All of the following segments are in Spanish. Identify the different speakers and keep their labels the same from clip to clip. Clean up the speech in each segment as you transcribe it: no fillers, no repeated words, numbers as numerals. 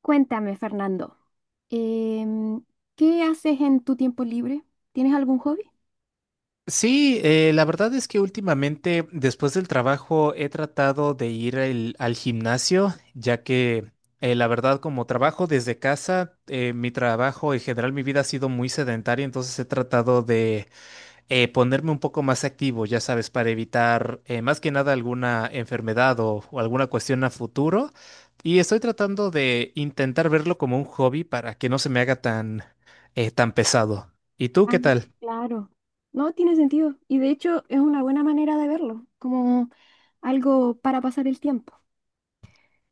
Speaker 1: Cuéntame, Fernando, em, ¿qué haces en tu tiempo libre? ¿Tienes algún hobby?
Speaker 2: Sí, la verdad es que últimamente después del trabajo he tratado de ir al gimnasio, ya que la verdad como trabajo desde casa, mi trabajo en general, mi vida ha sido muy sedentaria, entonces he tratado de ponerme un poco más activo, ya sabes, para evitar más que nada alguna enfermedad o alguna cuestión a futuro. Y estoy tratando de intentar verlo como un hobby para que no se me haga tan, tan pesado. ¿Y tú
Speaker 1: Ah,
Speaker 2: qué tal?
Speaker 1: claro. No tiene sentido. Y de hecho es una buena manera de verlo, como algo para pasar el tiempo.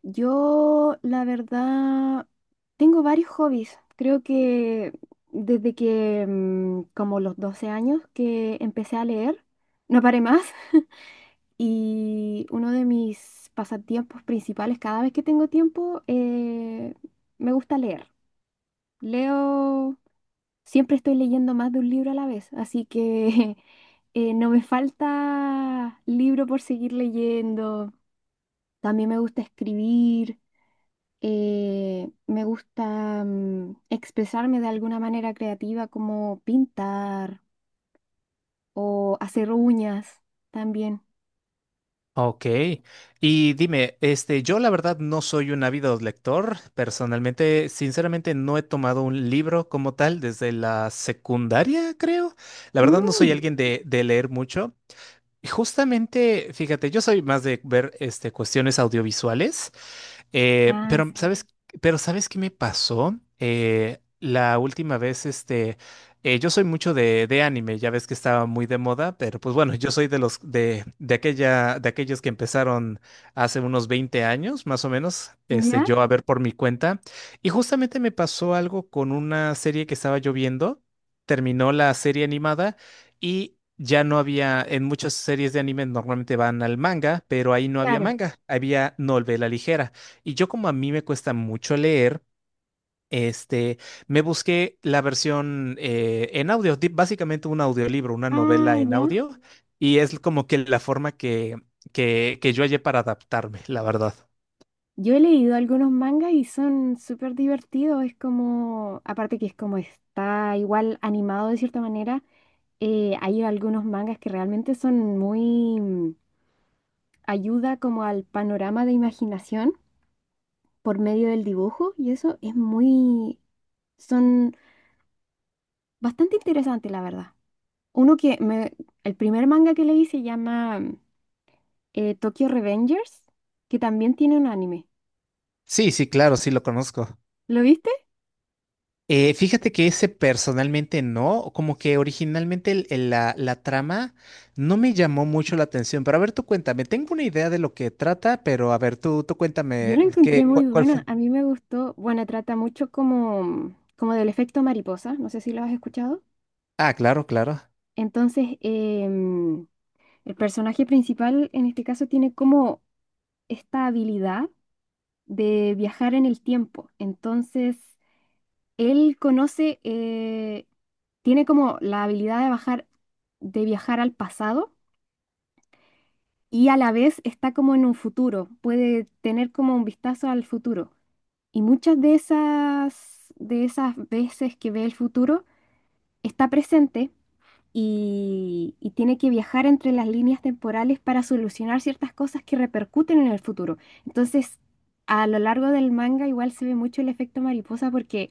Speaker 1: Yo, la verdad, tengo varios hobbies. Creo que desde que como los 12 años que empecé a leer, no paré más. Y uno de mis pasatiempos principales, cada vez que tengo tiempo, me gusta leer. Leo, siempre estoy leyendo más de un libro a la vez, así que no me falta libro por seguir leyendo. También me gusta escribir, me gusta expresarme de alguna manera creativa como pintar o hacer uñas también.
Speaker 2: Ok, y dime, este, yo la verdad no soy un ávido lector, personalmente, sinceramente no he tomado un libro como tal desde la secundaria, creo. La verdad no soy
Speaker 1: Mm.
Speaker 2: alguien de leer mucho. Justamente, fíjate, yo soy más de ver este, cuestiones audiovisuales, eh,
Speaker 1: Ah,
Speaker 2: pero
Speaker 1: sí.
Speaker 2: ¿sabes, pero ¿sabes qué me pasó? La última vez, este, yo soy mucho de anime, ya ves que estaba muy de moda, pero pues bueno, yo soy de los de aquella, de aquellos que empezaron hace unos 20 años, más o menos, este,
Speaker 1: ¿Ya?
Speaker 2: yo a ver por mi cuenta. Y justamente me pasó algo con una serie que estaba yo viendo. Terminó la serie animada y ya no había, en muchas series de anime normalmente van al manga, pero ahí no había
Speaker 1: Claro.
Speaker 2: manga, había novela ligera. Y yo como a mí me cuesta mucho leer, este, me busqué la versión en audio, básicamente un audiolibro, una novela
Speaker 1: Ah,
Speaker 2: en
Speaker 1: ya.
Speaker 2: audio, y es como que la forma que yo hallé para adaptarme, la verdad.
Speaker 1: Yo he leído algunos mangas y son súper divertidos. Es como, aparte que es como está igual animado de cierta manera, hay algunos mangas que realmente son muy ayuda como al panorama de imaginación por medio del dibujo y eso es muy, son bastante interesantes, la verdad. Uno que me, el primer manga que leí se llama Tokyo Revengers, que también tiene un anime.
Speaker 2: Sí, sí, claro, sí lo conozco.
Speaker 1: ¿Lo viste?
Speaker 2: Fíjate que ese personalmente no, como que originalmente la trama no me llamó mucho la atención, pero a ver, tú cuéntame, tengo una idea de lo que trata, pero a ver, tú
Speaker 1: Yo
Speaker 2: cuéntame,
Speaker 1: la encontré
Speaker 2: ¿qué,
Speaker 1: muy
Speaker 2: cuál, cuál
Speaker 1: buena,
Speaker 2: fue?
Speaker 1: a mí me gustó, bueno, trata mucho como, como del efecto mariposa, no sé si lo has escuchado.
Speaker 2: Ah, claro, claro,
Speaker 1: Entonces, el personaje principal en este caso tiene como esta habilidad de viajar en el tiempo. Entonces, él conoce, eh, tiene como la habilidad de bajar, de viajar al pasado y a la vez está como en un futuro, puede tener como un vistazo al futuro. Y muchas de esas veces que ve el futuro está presente y tiene que viajar entre las líneas temporales para solucionar ciertas cosas que repercuten en el futuro. Entonces, a lo largo del manga igual se ve mucho el efecto mariposa porque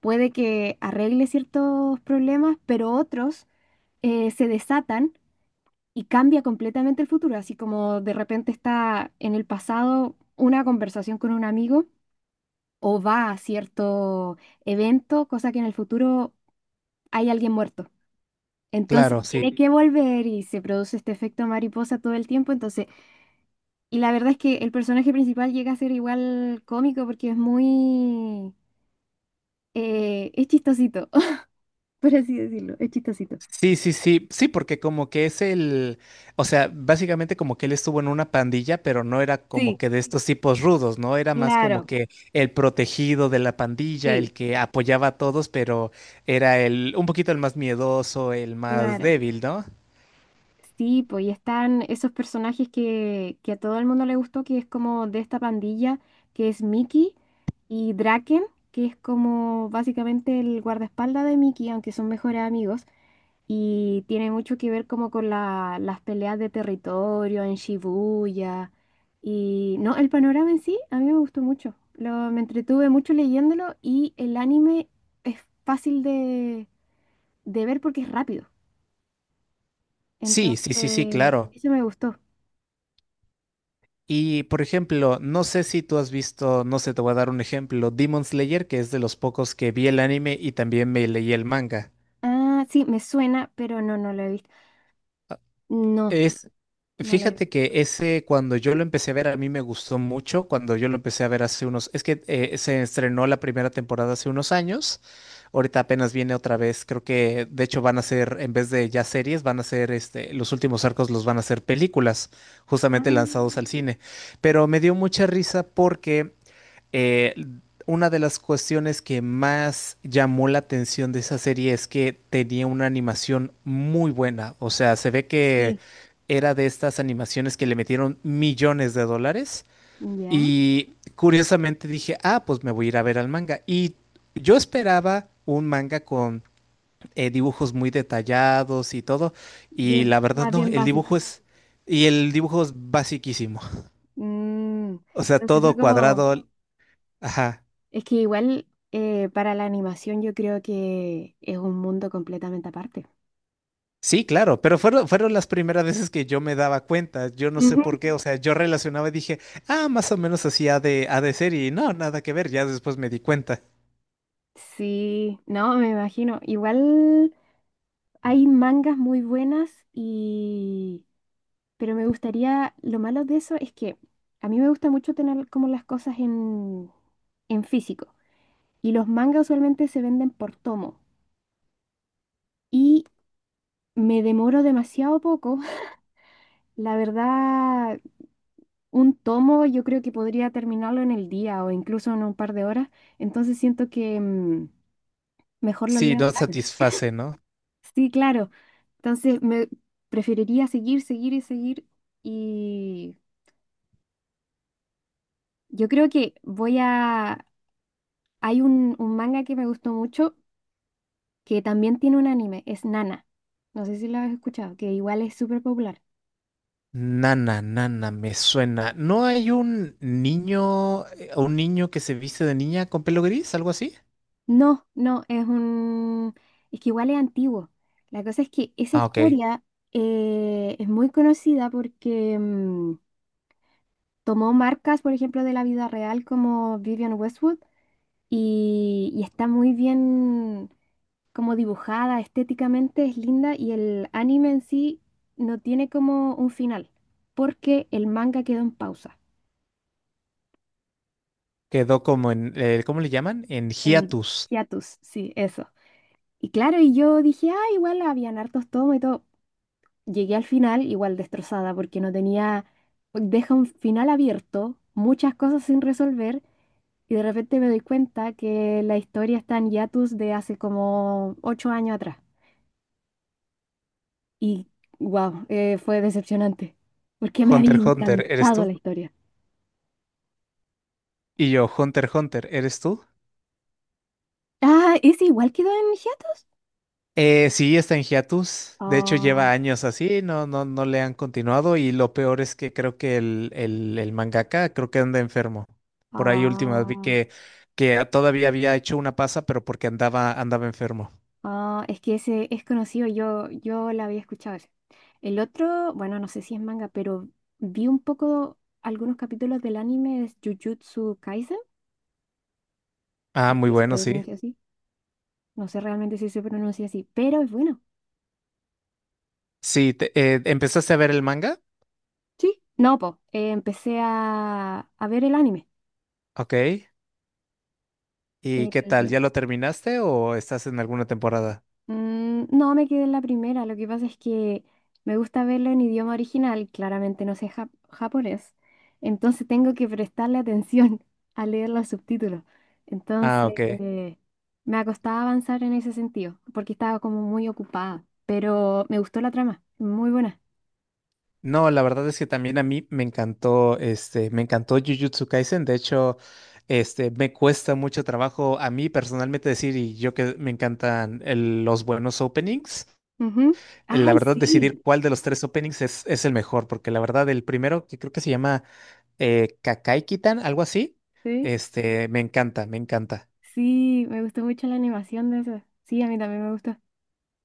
Speaker 1: puede que arregle ciertos problemas, pero otros se desatan y cambia completamente el futuro, así como de repente está en el pasado una conversación con un amigo o va a cierto evento, cosa que en el futuro hay alguien muerto. Entonces
Speaker 2: claro,
Speaker 1: tiene
Speaker 2: sí.
Speaker 1: que volver y se produce este efecto mariposa todo el tiempo. Entonces, y la verdad es que el personaje principal llega a ser igual cómico porque es muy, es chistosito, por así decirlo, es chistosito.
Speaker 2: Sí, sí, sí, sí, porque como que es el, o sea, básicamente como que él estuvo en una pandilla, pero no era como
Speaker 1: Sí,
Speaker 2: que de estos tipos rudos, ¿no? Era más como
Speaker 1: claro,
Speaker 2: que el protegido de la pandilla,
Speaker 1: sí,
Speaker 2: el que apoyaba a todos, pero era el, un poquito el más miedoso, el más
Speaker 1: claro.
Speaker 2: débil, ¿no?
Speaker 1: Sí, pues y están esos personajes que a todo el mundo le gustó, que es como de esta pandilla, que es Mickey y Draken, que es como básicamente el guardaespaldas de Mickey, aunque son mejores amigos, y tiene mucho que ver como con la- las peleas de territorio en Shibuya. Y no, el panorama en sí a mí me gustó mucho. Lo, me entretuve mucho leyéndolo y el anime es fácil de ver porque es rápido.
Speaker 2: Sí, sí, sí, sí,
Speaker 1: Entonces,
Speaker 2: claro.
Speaker 1: eso me gustó.
Speaker 2: Y por ejemplo, no sé si tú has visto, no sé, te voy a dar un ejemplo, Demon Slayer, que es de los pocos que vi el anime y también me leí el manga.
Speaker 1: Ah, sí, me suena, pero no, no lo he visto. No,
Speaker 2: Es,
Speaker 1: no lo he visto.
Speaker 2: fíjate que ese cuando yo lo empecé a ver a mí me gustó mucho, cuando yo lo empecé a ver hace unos, es que se estrenó la primera temporada hace unos años, ahorita apenas viene otra vez, creo que de hecho van a ser, en vez de ya series, van a ser, este, los últimos arcos los van a ser películas,
Speaker 1: Ah,
Speaker 2: justamente lanzados al cine, pero me dio mucha risa porque eh, una de las cuestiones que más llamó la atención de esa serie es que tenía una animación muy buena. O sea, se ve que
Speaker 1: sí,
Speaker 2: era de estas animaciones que le metieron millones de dólares.
Speaker 1: ya.
Speaker 2: Y curiosamente dije, ah, pues me voy a ir a ver al manga. Y yo esperaba un manga con dibujos muy detallados y todo.
Speaker 1: Y
Speaker 2: Y
Speaker 1: es
Speaker 2: la verdad
Speaker 1: más
Speaker 2: no,
Speaker 1: bien
Speaker 2: el dibujo
Speaker 1: básico.
Speaker 2: es... Y el dibujo es basiquísimo.
Speaker 1: Mm.
Speaker 2: O sea,
Speaker 1: Entonces fue
Speaker 2: todo
Speaker 1: como,
Speaker 2: cuadrado. Ajá.
Speaker 1: es que igual para la animación yo creo que es un mundo completamente aparte.
Speaker 2: Sí, claro, pero fueron las primeras veces que yo me daba cuenta. Yo no sé por
Speaker 1: Ujú.
Speaker 2: qué, o sea, yo relacionaba y dije, ah, más o menos así ha de ser y no, nada que ver, ya después me di cuenta.
Speaker 1: Sí, no, me imagino. Igual hay mangas muy buenas y... Pero me gustaría, lo malo de eso es que a mí me gusta mucho tener como las cosas en físico. Y los mangas usualmente se venden por tomo. Y me demoro demasiado poco. La verdad, un tomo yo creo que podría terminarlo en el día o incluso en un par de horas. Entonces siento que mejor los
Speaker 2: Sí,
Speaker 1: leo.
Speaker 2: no satisface, ¿no?
Speaker 1: Sí, claro. Entonces me preferiría seguir, seguir y seguir. Y yo creo que voy a... Hay un manga que me gustó mucho que también tiene un anime. Es Nana. No sé si lo has escuchado, que igual es súper popular.
Speaker 2: Nana, nana, me suena. ¿No hay un niño que se viste de niña con pelo gris, algo así?
Speaker 1: No, no, es un... Es que igual es antiguo. La cosa es que esa
Speaker 2: Ah, ok.
Speaker 1: historia es muy conocida porque tomó marcas, por ejemplo, de la vida real como Vivian Westwood y está muy bien como dibujada, estéticamente es linda y el anime en sí no tiene como un final porque el manga quedó en pausa,
Speaker 2: Quedó como en, ¿cómo le llaman? En
Speaker 1: en
Speaker 2: hiatus.
Speaker 1: hiatus, sí, eso. Y claro, y yo dije, ah, igual habían hartos tomos y todo. Llegué al final igual destrozada porque no tenía, deja un final abierto, muchas cosas sin resolver y de repente me doy cuenta que la historia está en hiatus de hace como 8 años atrás. Y wow, fue decepcionante porque me había
Speaker 2: Hunter, Hunter, ¿eres
Speaker 1: encantado la
Speaker 2: tú?
Speaker 1: historia.
Speaker 2: Y yo, Hunter, Hunter, ¿eres tú?
Speaker 1: Ah, ¿es igual quedó en hiatus?
Speaker 2: Sí, está en hiatus. De hecho, lleva
Speaker 1: Ah,
Speaker 2: años así, no, no, no le han continuado. Y lo peor es que creo que el mangaka creo que anda enfermo. Por ahí últimas vi
Speaker 1: ah.
Speaker 2: que todavía había hecho una pasa, pero porque andaba enfermo.
Speaker 1: Ah, es que ese es conocido, yo la había escuchado ese. El otro, bueno, no sé si es manga, pero vi un poco algunos capítulos del anime es Jujutsu Kaisen,
Speaker 2: Ah,
Speaker 1: creo
Speaker 2: muy
Speaker 1: que se
Speaker 2: bueno, sí.
Speaker 1: pronuncia así. No sé realmente si se pronuncia así, pero es bueno.
Speaker 2: Sí, ¿empezaste a ver el manga?
Speaker 1: Sí. No, po, empecé a ver el anime.
Speaker 2: Ok. ¿Y qué tal?
Speaker 1: El-
Speaker 2: ¿Ya lo terminaste o estás en alguna temporada?
Speaker 1: Mm, no, me quedé en la primera. Lo que pasa es que me gusta verlo en idioma original. Claramente no sé jap- japonés. Entonces tengo que prestarle atención a leer los subtítulos.
Speaker 2: Ah,
Speaker 1: Entonces
Speaker 2: ok.
Speaker 1: eh, me ha costado avanzar en ese sentido porque estaba como muy ocupada. Pero me gustó la trama. Muy buena.
Speaker 2: No, la verdad es que también a mí me encantó, este, me encantó Jujutsu Kaisen. De hecho, este, me cuesta mucho trabajo a mí personalmente decir, y yo que me encantan los buenos openings,
Speaker 1: Ujú.
Speaker 2: la
Speaker 1: Ay,
Speaker 2: verdad decidir
Speaker 1: sí.
Speaker 2: cuál de los tres openings es el mejor, porque la verdad el primero, que creo que se llama Kakai Kitan, algo así,
Speaker 1: Sí.
Speaker 2: este, me encanta, me encanta.
Speaker 1: Sí, me gustó mucho la animación de eso. Sí, a mí también me gustó.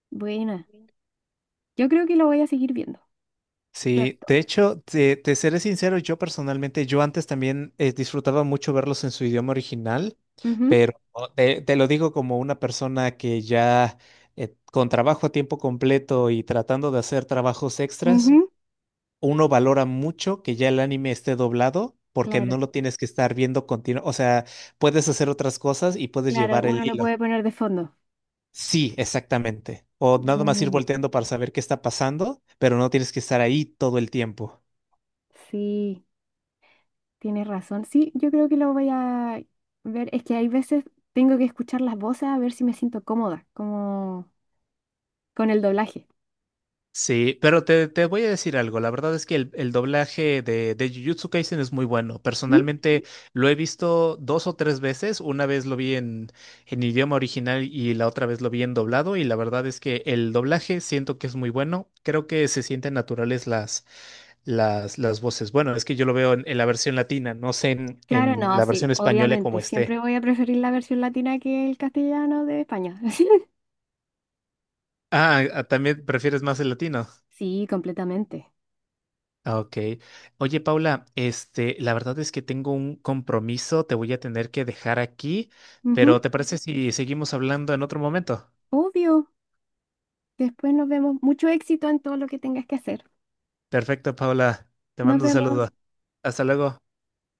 Speaker 1: Buena. Yo creo que lo voy a seguir viendo
Speaker 2: Sí,
Speaker 1: pronto.
Speaker 2: de hecho, te seré sincero, yo personalmente, yo antes también disfrutaba mucho verlos en su idioma original,
Speaker 1: Ujú,
Speaker 2: pero oh, te lo digo como una persona que ya con trabajo a tiempo completo y tratando de hacer trabajos extras,
Speaker 1: ujú,
Speaker 2: uno valora mucho que ya el anime esté doblado porque no
Speaker 1: claro.
Speaker 2: lo tienes que estar viendo continuo, o sea, puedes hacer otras cosas y puedes
Speaker 1: Claro,
Speaker 2: llevar el
Speaker 1: uno lo
Speaker 2: hilo.
Speaker 1: puede poner de fondo.
Speaker 2: Sí, exactamente. O nada más ir
Speaker 1: Mm,
Speaker 2: volteando para saber qué está pasando, pero no tienes que estar ahí todo el tiempo.
Speaker 1: sí, tienes razón. Sí, yo creo que lo voy a ver. Es que hay veces tengo que escuchar las voces a ver si me siento cómoda, como con el doblaje.
Speaker 2: Sí, pero te voy a decir algo. La verdad es que el doblaje de Jujutsu Kaisen es muy bueno.
Speaker 1: ¿Mm?
Speaker 2: Personalmente lo he visto dos o tres veces. Una vez lo vi en idioma original y la otra vez lo vi en doblado. Y la verdad es que el doblaje siento que es muy bueno. Creo que se sienten naturales las voces. Bueno, es que yo lo veo en la versión latina, no sé en,
Speaker 1: Claro,
Speaker 2: en
Speaker 1: no,
Speaker 2: la versión
Speaker 1: sí,
Speaker 2: española como
Speaker 1: obviamente.
Speaker 2: esté.
Speaker 1: Siempre voy a preferir la versión latina que el castellano de España.
Speaker 2: Ah, ah, también prefieres más el latino.
Speaker 1: Sí, completamente.
Speaker 2: Ah, ok. Oye, Paula, este, la verdad es que tengo un compromiso, te voy a tener que dejar aquí,
Speaker 1: Ujú,
Speaker 2: pero ¿te parece si seguimos hablando en otro momento?
Speaker 1: obvio. Después nos vemos. Mucho éxito en todo lo que tengas que hacer.
Speaker 2: Perfecto, Paula. Te
Speaker 1: Nos
Speaker 2: mando un saludo.
Speaker 1: vemos.
Speaker 2: Hasta luego.